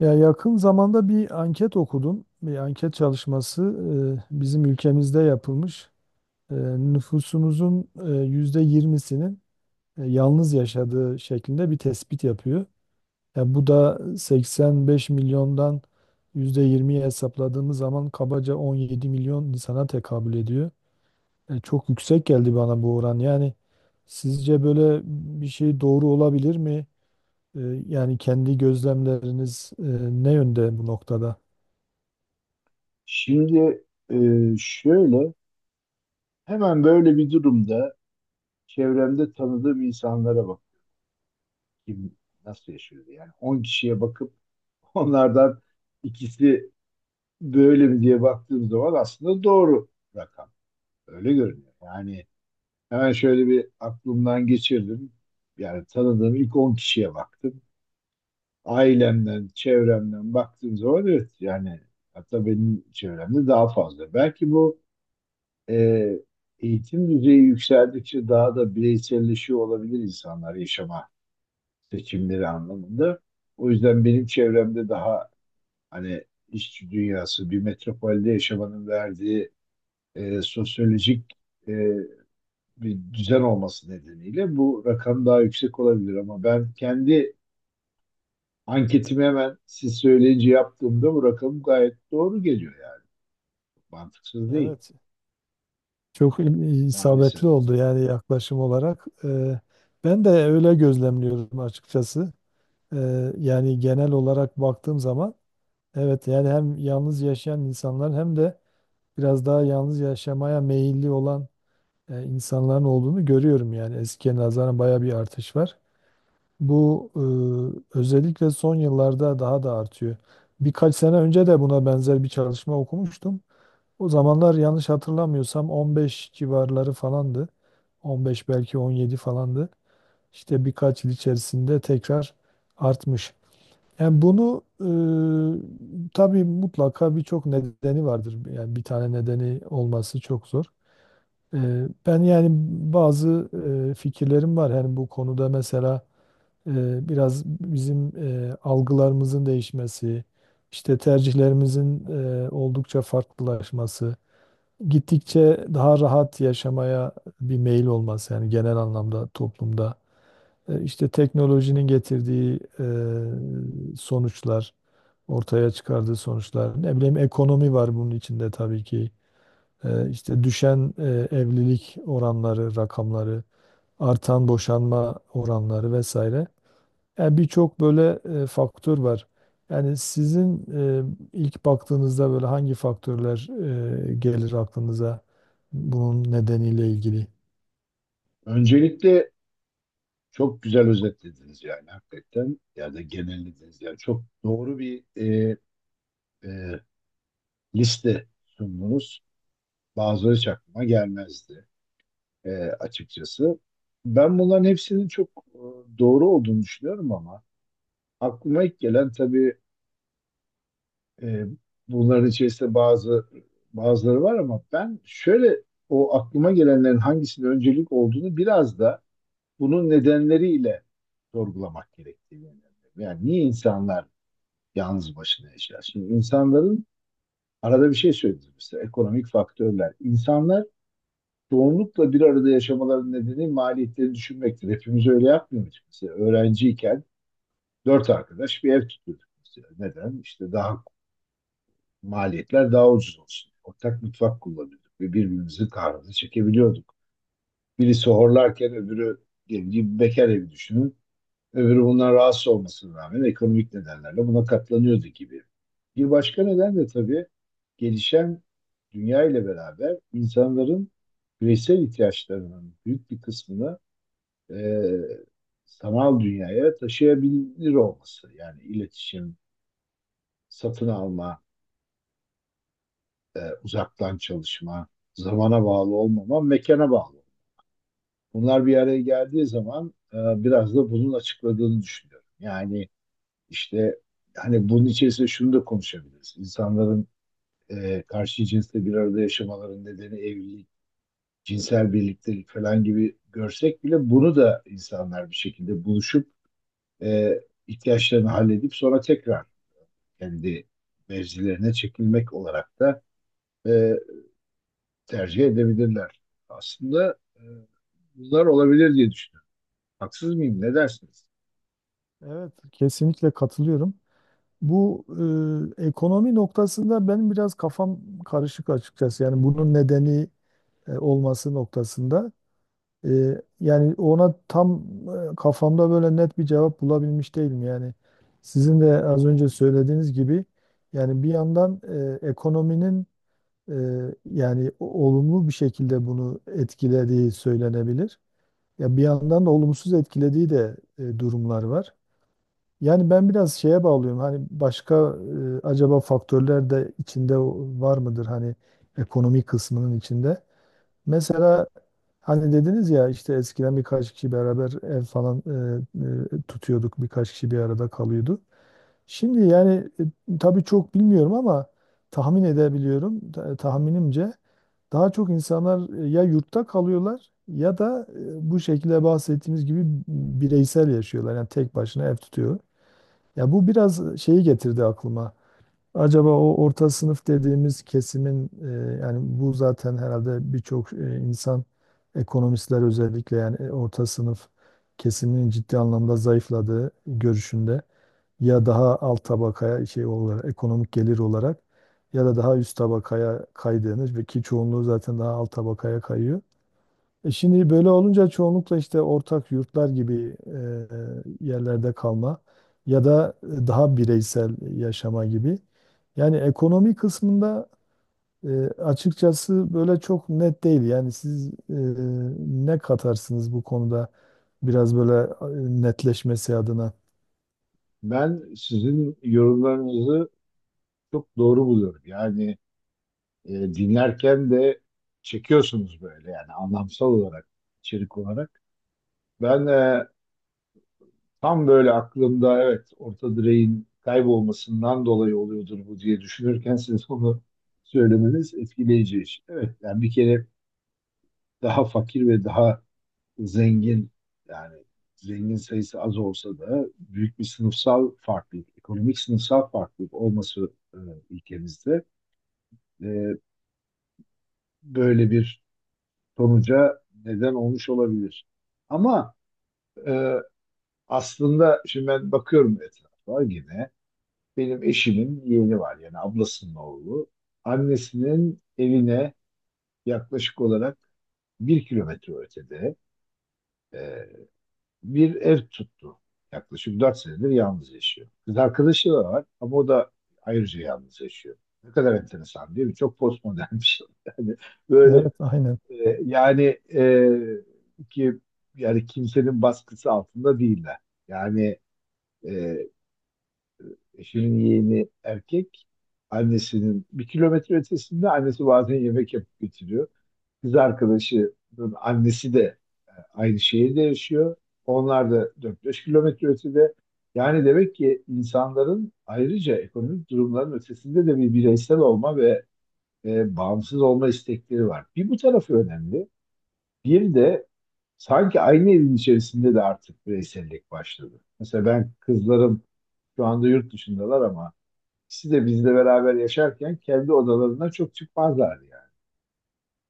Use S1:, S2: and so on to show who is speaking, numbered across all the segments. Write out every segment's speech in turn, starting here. S1: Ya yakın zamanda bir anket okudum. Bir anket çalışması bizim ülkemizde yapılmış. E, Nüfusumuzun %20'sinin yalnız yaşadığı şeklinde bir tespit yapıyor. Ya bu da 85 milyondan %20'yi hesapladığımız zaman kabaca 17 milyon insana tekabül ediyor. Çok yüksek geldi bana bu oran. Yani sizce böyle bir şey doğru olabilir mi? E, Yani kendi gözlemleriniz ne yönde bu noktada?
S2: Şimdi e, şöyle hemen böyle bir durumda çevremde tanıdığım insanlara bak kim nasıl yaşıyor diye. Yani 10 kişiye bakıp onlardan ikisi böyle mi diye baktığım zaman aslında doğru rakam öyle görünüyor. Yani hemen şöyle bir aklımdan geçirdim, yani tanıdığım ilk 10 kişiye baktım, ailemden çevremden baktığım zaman evet yani hatta benim çevremde daha fazla belki bu e, eğitim düzeyi yükseldikçe daha da bireyselleşiyor olabilir insanlar yaşama seçimleri anlamında. O yüzden benim çevremde daha hani işçi dünyası bir metropolde yaşamanın verdiği sosyolojik e, bir düzen olması nedeniyle bu rakam daha yüksek olabilir ama ben kendi anketimi hemen siz söyleyince yaptığımda bu rakam gayet doğru geliyor yani. Mantıksız değil
S1: Evet, çok
S2: maalesef.
S1: isabetli oldu yani yaklaşım olarak. Ben de öyle gözlemliyorum açıkçası. Yani genel olarak baktığım zaman, evet yani hem yalnız yaşayan insanlar hem de biraz daha yalnız yaşamaya meyilli olan insanların olduğunu görüyorum yani eskiye nazaran baya bir artış var. Bu özellikle son yıllarda daha da artıyor. Birkaç sene önce de buna benzer bir çalışma okumuştum. O zamanlar yanlış hatırlamıyorsam 15 civarları falandı. 15 belki 17 falandı. İşte birkaç yıl içerisinde tekrar artmış. Yani bunu tabii mutlaka birçok nedeni vardır. Yani bir tane nedeni olması çok zor. E, Ben yani bazı fikirlerim var. Yani bu konuda mesela biraz bizim algılarımızın değişmesi, işte tercihlerimizin oldukça farklılaşması, gittikçe daha rahat yaşamaya bir meyil olması, yani genel anlamda toplumda. İşte teknolojinin getirdiği sonuçlar, ortaya çıkardığı sonuçlar, ne bileyim, ekonomi var bunun içinde tabii ki. İşte düşen evlilik oranları rakamları, artan boşanma oranları vesaire, yani birçok böyle faktör var. Yani sizin ilk baktığınızda böyle hangi faktörler gelir aklınıza bunun nedeniyle ilgili?
S2: Öncelikle çok güzel özetlediniz yani hakikaten. Ya da genellediniz. Yani çok doğru bir e, liste sundunuz. Bazıları hiç aklıma gelmezdi açıkçası. Ben bunların hepsinin çok e, doğru olduğunu düşünüyorum ama aklıma ilk gelen tabii e, bunların içerisinde bazıları var ama ben şöyle o aklıma gelenlerin hangisinin öncelik olduğunu biraz da bunun nedenleriyle sorgulamak gerektiğini inanıyorum. Yani niye insanlar yalnız başına yaşar. Şimdi insanların arada bir şey söylediniz mesela ekonomik faktörler. İnsanlar çoğunlukla bir arada yaşamaların nedeni maliyetleri düşünmektir. Hepimiz öyle yapmıyorduk mesela. Öğrenciyken dört arkadaş bir ev tutuyorduk mesela. Neden? İşte daha maliyetler daha ucuz olsun. Ortak mutfak kullanıyorduk ve birbirimizin kahrını çekebiliyorduk. Birisi horlarken öbürü diyelim ki bekar evi düşünün. Öbürü bundan rahatsız olmasına rağmen ekonomik nedenlerle buna katlanıyordu gibi. Bir başka neden de tabii gelişen dünya ile beraber insanların bireysel ihtiyaçlarının büyük bir kısmını e, sanal dünyaya taşıyabilir olması. Yani iletişim, satın alma, uzaktan çalışma, zamana bağlı olmama, mekana bağlı olma. Bunlar bir araya geldiği zaman biraz da bunun açıkladığını düşünüyorum. Yani İşte hani bunun içerisinde şunu da konuşabiliriz. İnsanların karşı cinsle bir arada yaşamaların nedeni evlilik, cinsel birliktelik falan gibi görsek bile bunu da insanlar bir şekilde buluşup e, ihtiyaçlarını halledip sonra tekrar kendi mevzilerine çekilmek olarak da e, tercih edebilirler. Aslında bunlar olabilir diye düşünüyorum. Haksız mıyım? Ne dersiniz?
S1: Evet, kesinlikle katılıyorum. Bu ekonomi noktasında benim biraz kafam karışık açıkçası. Yani bunun nedeni olması noktasında. Yani ona tam kafamda böyle net bir cevap bulabilmiş değilim yani. Sizin de az önce söylediğiniz gibi, yani bir yandan ekonominin e, yani olumlu bir şekilde bunu etkilediği söylenebilir. Ya bir yandan da olumsuz etkilediği de durumlar var. Yani ben biraz şeye bağlıyorum. Hani başka acaba faktörler de içinde var mıdır, hani ekonomi kısmının içinde? Mesela, hani dediniz ya işte eskiden birkaç kişi beraber ev falan tutuyorduk. Birkaç kişi bir arada kalıyordu. Şimdi yani tabii çok bilmiyorum ama tahmin edebiliyorum. Tahminimce daha çok insanlar ya yurtta kalıyorlar ya da bu şekilde bahsettiğimiz gibi bireysel yaşıyorlar. Yani tek başına ev tutuyor. Ya bu biraz şeyi getirdi aklıma. Acaba o orta sınıf dediğimiz kesimin yani bu zaten herhalde birçok insan, ekonomistler özellikle, yani orta sınıf kesiminin ciddi anlamda zayıfladığı görüşünde, ya daha alt tabakaya şey olarak, ekonomik gelir olarak, ya da daha üst tabakaya kaydığını, ve ki çoğunluğu zaten daha alt tabakaya kayıyor. Şimdi böyle olunca çoğunlukla işte ortak yurtlar gibi yerlerde kalma, ya da daha bireysel yaşama gibi. Yani ekonomi kısmında açıkçası böyle çok net değil. Yani siz ne katarsınız bu konuda biraz böyle netleşmesi adına?
S2: Ben sizin yorumlarınızı çok doğru buluyorum. Yani dinlerken de çekiyorsunuz böyle yani anlamsal olarak, içerik olarak. Ben tam böyle aklımda evet orta direğin kaybolmasından dolayı oluyordur bu diye düşünürken siz onu söylemeniz etkileyici iş. Evet yani bir kere daha fakir ve daha zengin, yani zengin sayısı az olsa da büyük bir sınıfsal farklılık, ekonomik sınıfsal farklılık olması ülkemizde e, böyle bir sonuca neden olmuş olabilir. Ama e, aslında şimdi ben bakıyorum etrafa yine, benim eşimin yeğeni var yani ablasının oğlu. Annesinin evine yaklaşık olarak 1 kilometre ötede e, bir ev tuttu. Yaklaşık 4 senedir yalnız yaşıyor. Kız arkadaşı da var ama o da ayrıca yalnız yaşıyor. Ne kadar enteresan değil mi? Çok postmodern bir şey. Yani böyle
S1: Evet, aynen.
S2: Yani ki yani kimsenin baskısı altında değiller. Yani e, eşimin yeğeni erkek, annesinin 1 kilometre ötesinde, annesi bazen yemek yapıp getiriyor. Kız arkadaşının annesi de aynı şehirde yaşıyor. Onlar da 4-5 kilometre ötede. Yani demek ki insanların ayrıca ekonomik durumların ötesinde de bir bireysel olma ve bağımsız olma istekleri var. Bir bu tarafı önemli. Bir de sanki aynı evin içerisinde de artık bireysellik başladı. Mesela ben kızlarım şu anda yurt dışındalar ama ikisi de bizle beraber yaşarken kendi odalarına çok çıkmazlardı yani.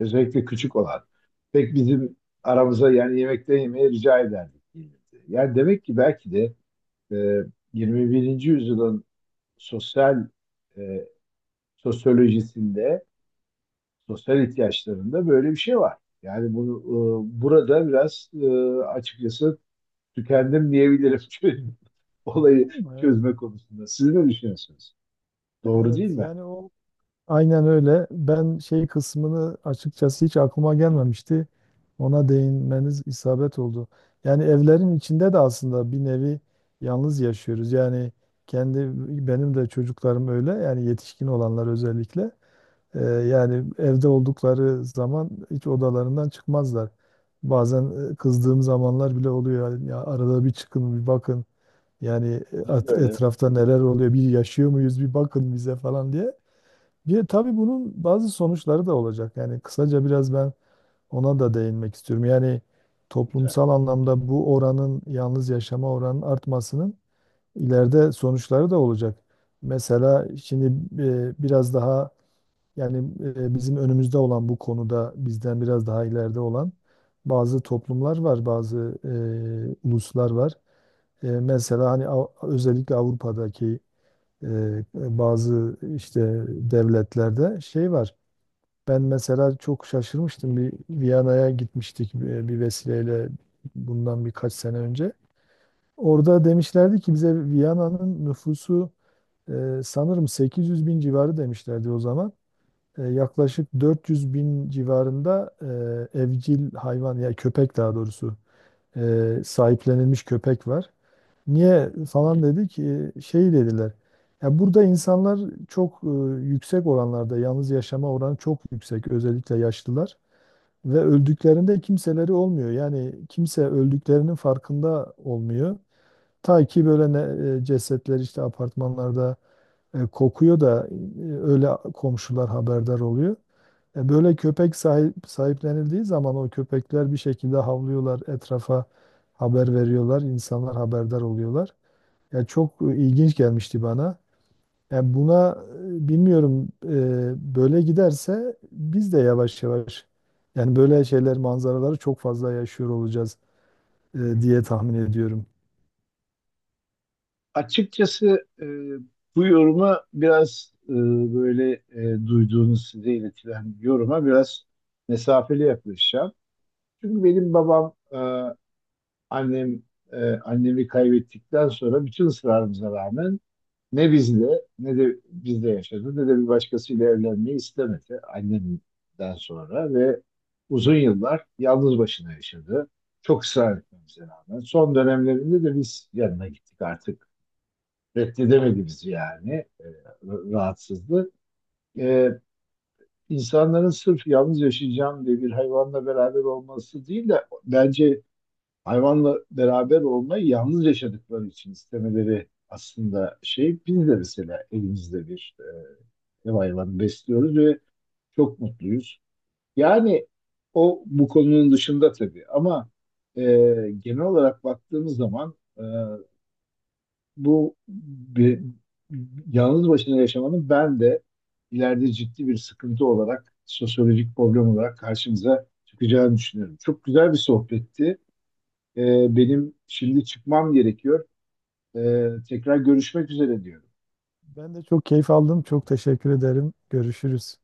S2: Özellikle küçük olan. Pek bizim aramıza yani yemekte yemeye rica ederdik, gelirdi. Yani demek ki belki de e, 21. yüzyılın sosyal e, sosyolojisinde, sosyal ihtiyaçlarında böyle bir şey var. Yani bunu burada biraz açıkçası tükendim diyebilirim çünkü olayı
S1: Evet,
S2: çözme konusunda. Siz ne düşünüyorsunuz? Doğru değil
S1: evet.
S2: mi?
S1: Yani o. Aynen öyle. Ben şey kısmını açıkçası hiç aklıma gelmemişti. Ona değinmeniz isabet oldu. Yani evlerin içinde de aslında bir nevi yalnız yaşıyoruz. Yani kendi, benim de çocuklarım öyle. Yani yetişkin olanlar özellikle. Yani evde oldukları zaman hiç odalarından çıkmazlar. Bazen kızdığım zamanlar bile oluyor. Yani, ya arada bir çıkın, bir bakın. Yani
S2: Biz de öyle.
S1: etrafta neler oluyor, bir yaşıyor muyuz, bir bakın bize falan diye. Bir de tabii bunun bazı sonuçları da olacak. Yani kısaca biraz ben ona da değinmek istiyorum. Yani
S2: Lütfen.
S1: toplumsal anlamda bu oranın, yalnız yaşama oranının artmasının ileride sonuçları da olacak. Mesela şimdi biraz daha, yani bizim önümüzde olan bu konuda bizden biraz daha ileride olan bazı toplumlar var, bazı uluslar var. Mesela hani özellikle Avrupa'daki e, bazı işte devletlerde şey var. Ben mesela çok şaşırmıştım. Bir Viyana'ya gitmiştik bir vesileyle bundan birkaç sene önce. Orada demişlerdi ki bize Viyana'nın nüfusu sanırım 800 bin civarı demişlerdi o zaman. Yaklaşık 400 bin civarında evcil hayvan, ya köpek daha doğrusu, sahiplenilmiş köpek var. Niye falan dedi ki şey dediler. Ya burada insanlar çok yüksek oranlarda, yalnız yaşama oranı çok yüksek, özellikle yaşlılar. Ve öldüklerinde kimseleri olmuyor. Yani kimse öldüklerinin farkında olmuyor. Ta ki böyle ne, cesetler işte apartmanlarda kokuyor da öyle komşular haberdar oluyor. Böyle köpek sahiplenildiği zaman o köpekler bir şekilde havlıyorlar, etrafa haber veriyorlar, insanlar haberdar oluyorlar. Ya çok ilginç gelmişti bana. Yani buna bilmiyorum, böyle giderse biz de yavaş yavaş yani böyle şeyler, manzaraları çok fazla yaşıyor olacağız diye tahmin ediyorum.
S2: Açıkçası bu yoruma biraz böyle duyduğunuz size iletilen yoruma biraz mesafeli yaklaşacağım. Çünkü benim babam, annem, annemi kaybettikten sonra bütün ısrarımıza rağmen ne bizle ne de bizde yaşadı ne de bir başkasıyla evlenmeyi istemedi annemden sonra ve uzun yıllar yalnız başına yaşadı. Çok ısrar etmemize rağmen. Son dönemlerinde de biz yanına gittik artık. Reddedemedi bizi yani. E, rahatsızdı. E, insanların sırf yalnız yaşayacağım diye bir hayvanla beraber olması değil de bence hayvanla beraber olmayı yalnız yaşadıkları için istemeleri aslında şey, biz de mesela elimizde bir ev hayvanı besliyoruz ve çok mutluyuz. Yani o bu konunun dışında tabii ama e, genel olarak baktığımız zaman bu bir, yalnız başına yaşamanın ben de ileride ciddi bir sıkıntı olarak sosyolojik problem olarak karşımıza çıkacağını düşünüyorum. Çok güzel bir sohbetti. Benim şimdi çıkmam gerekiyor. Tekrar görüşmek üzere diyorum.
S1: Ben de çok keyif aldım. Çok teşekkür ederim. Görüşürüz.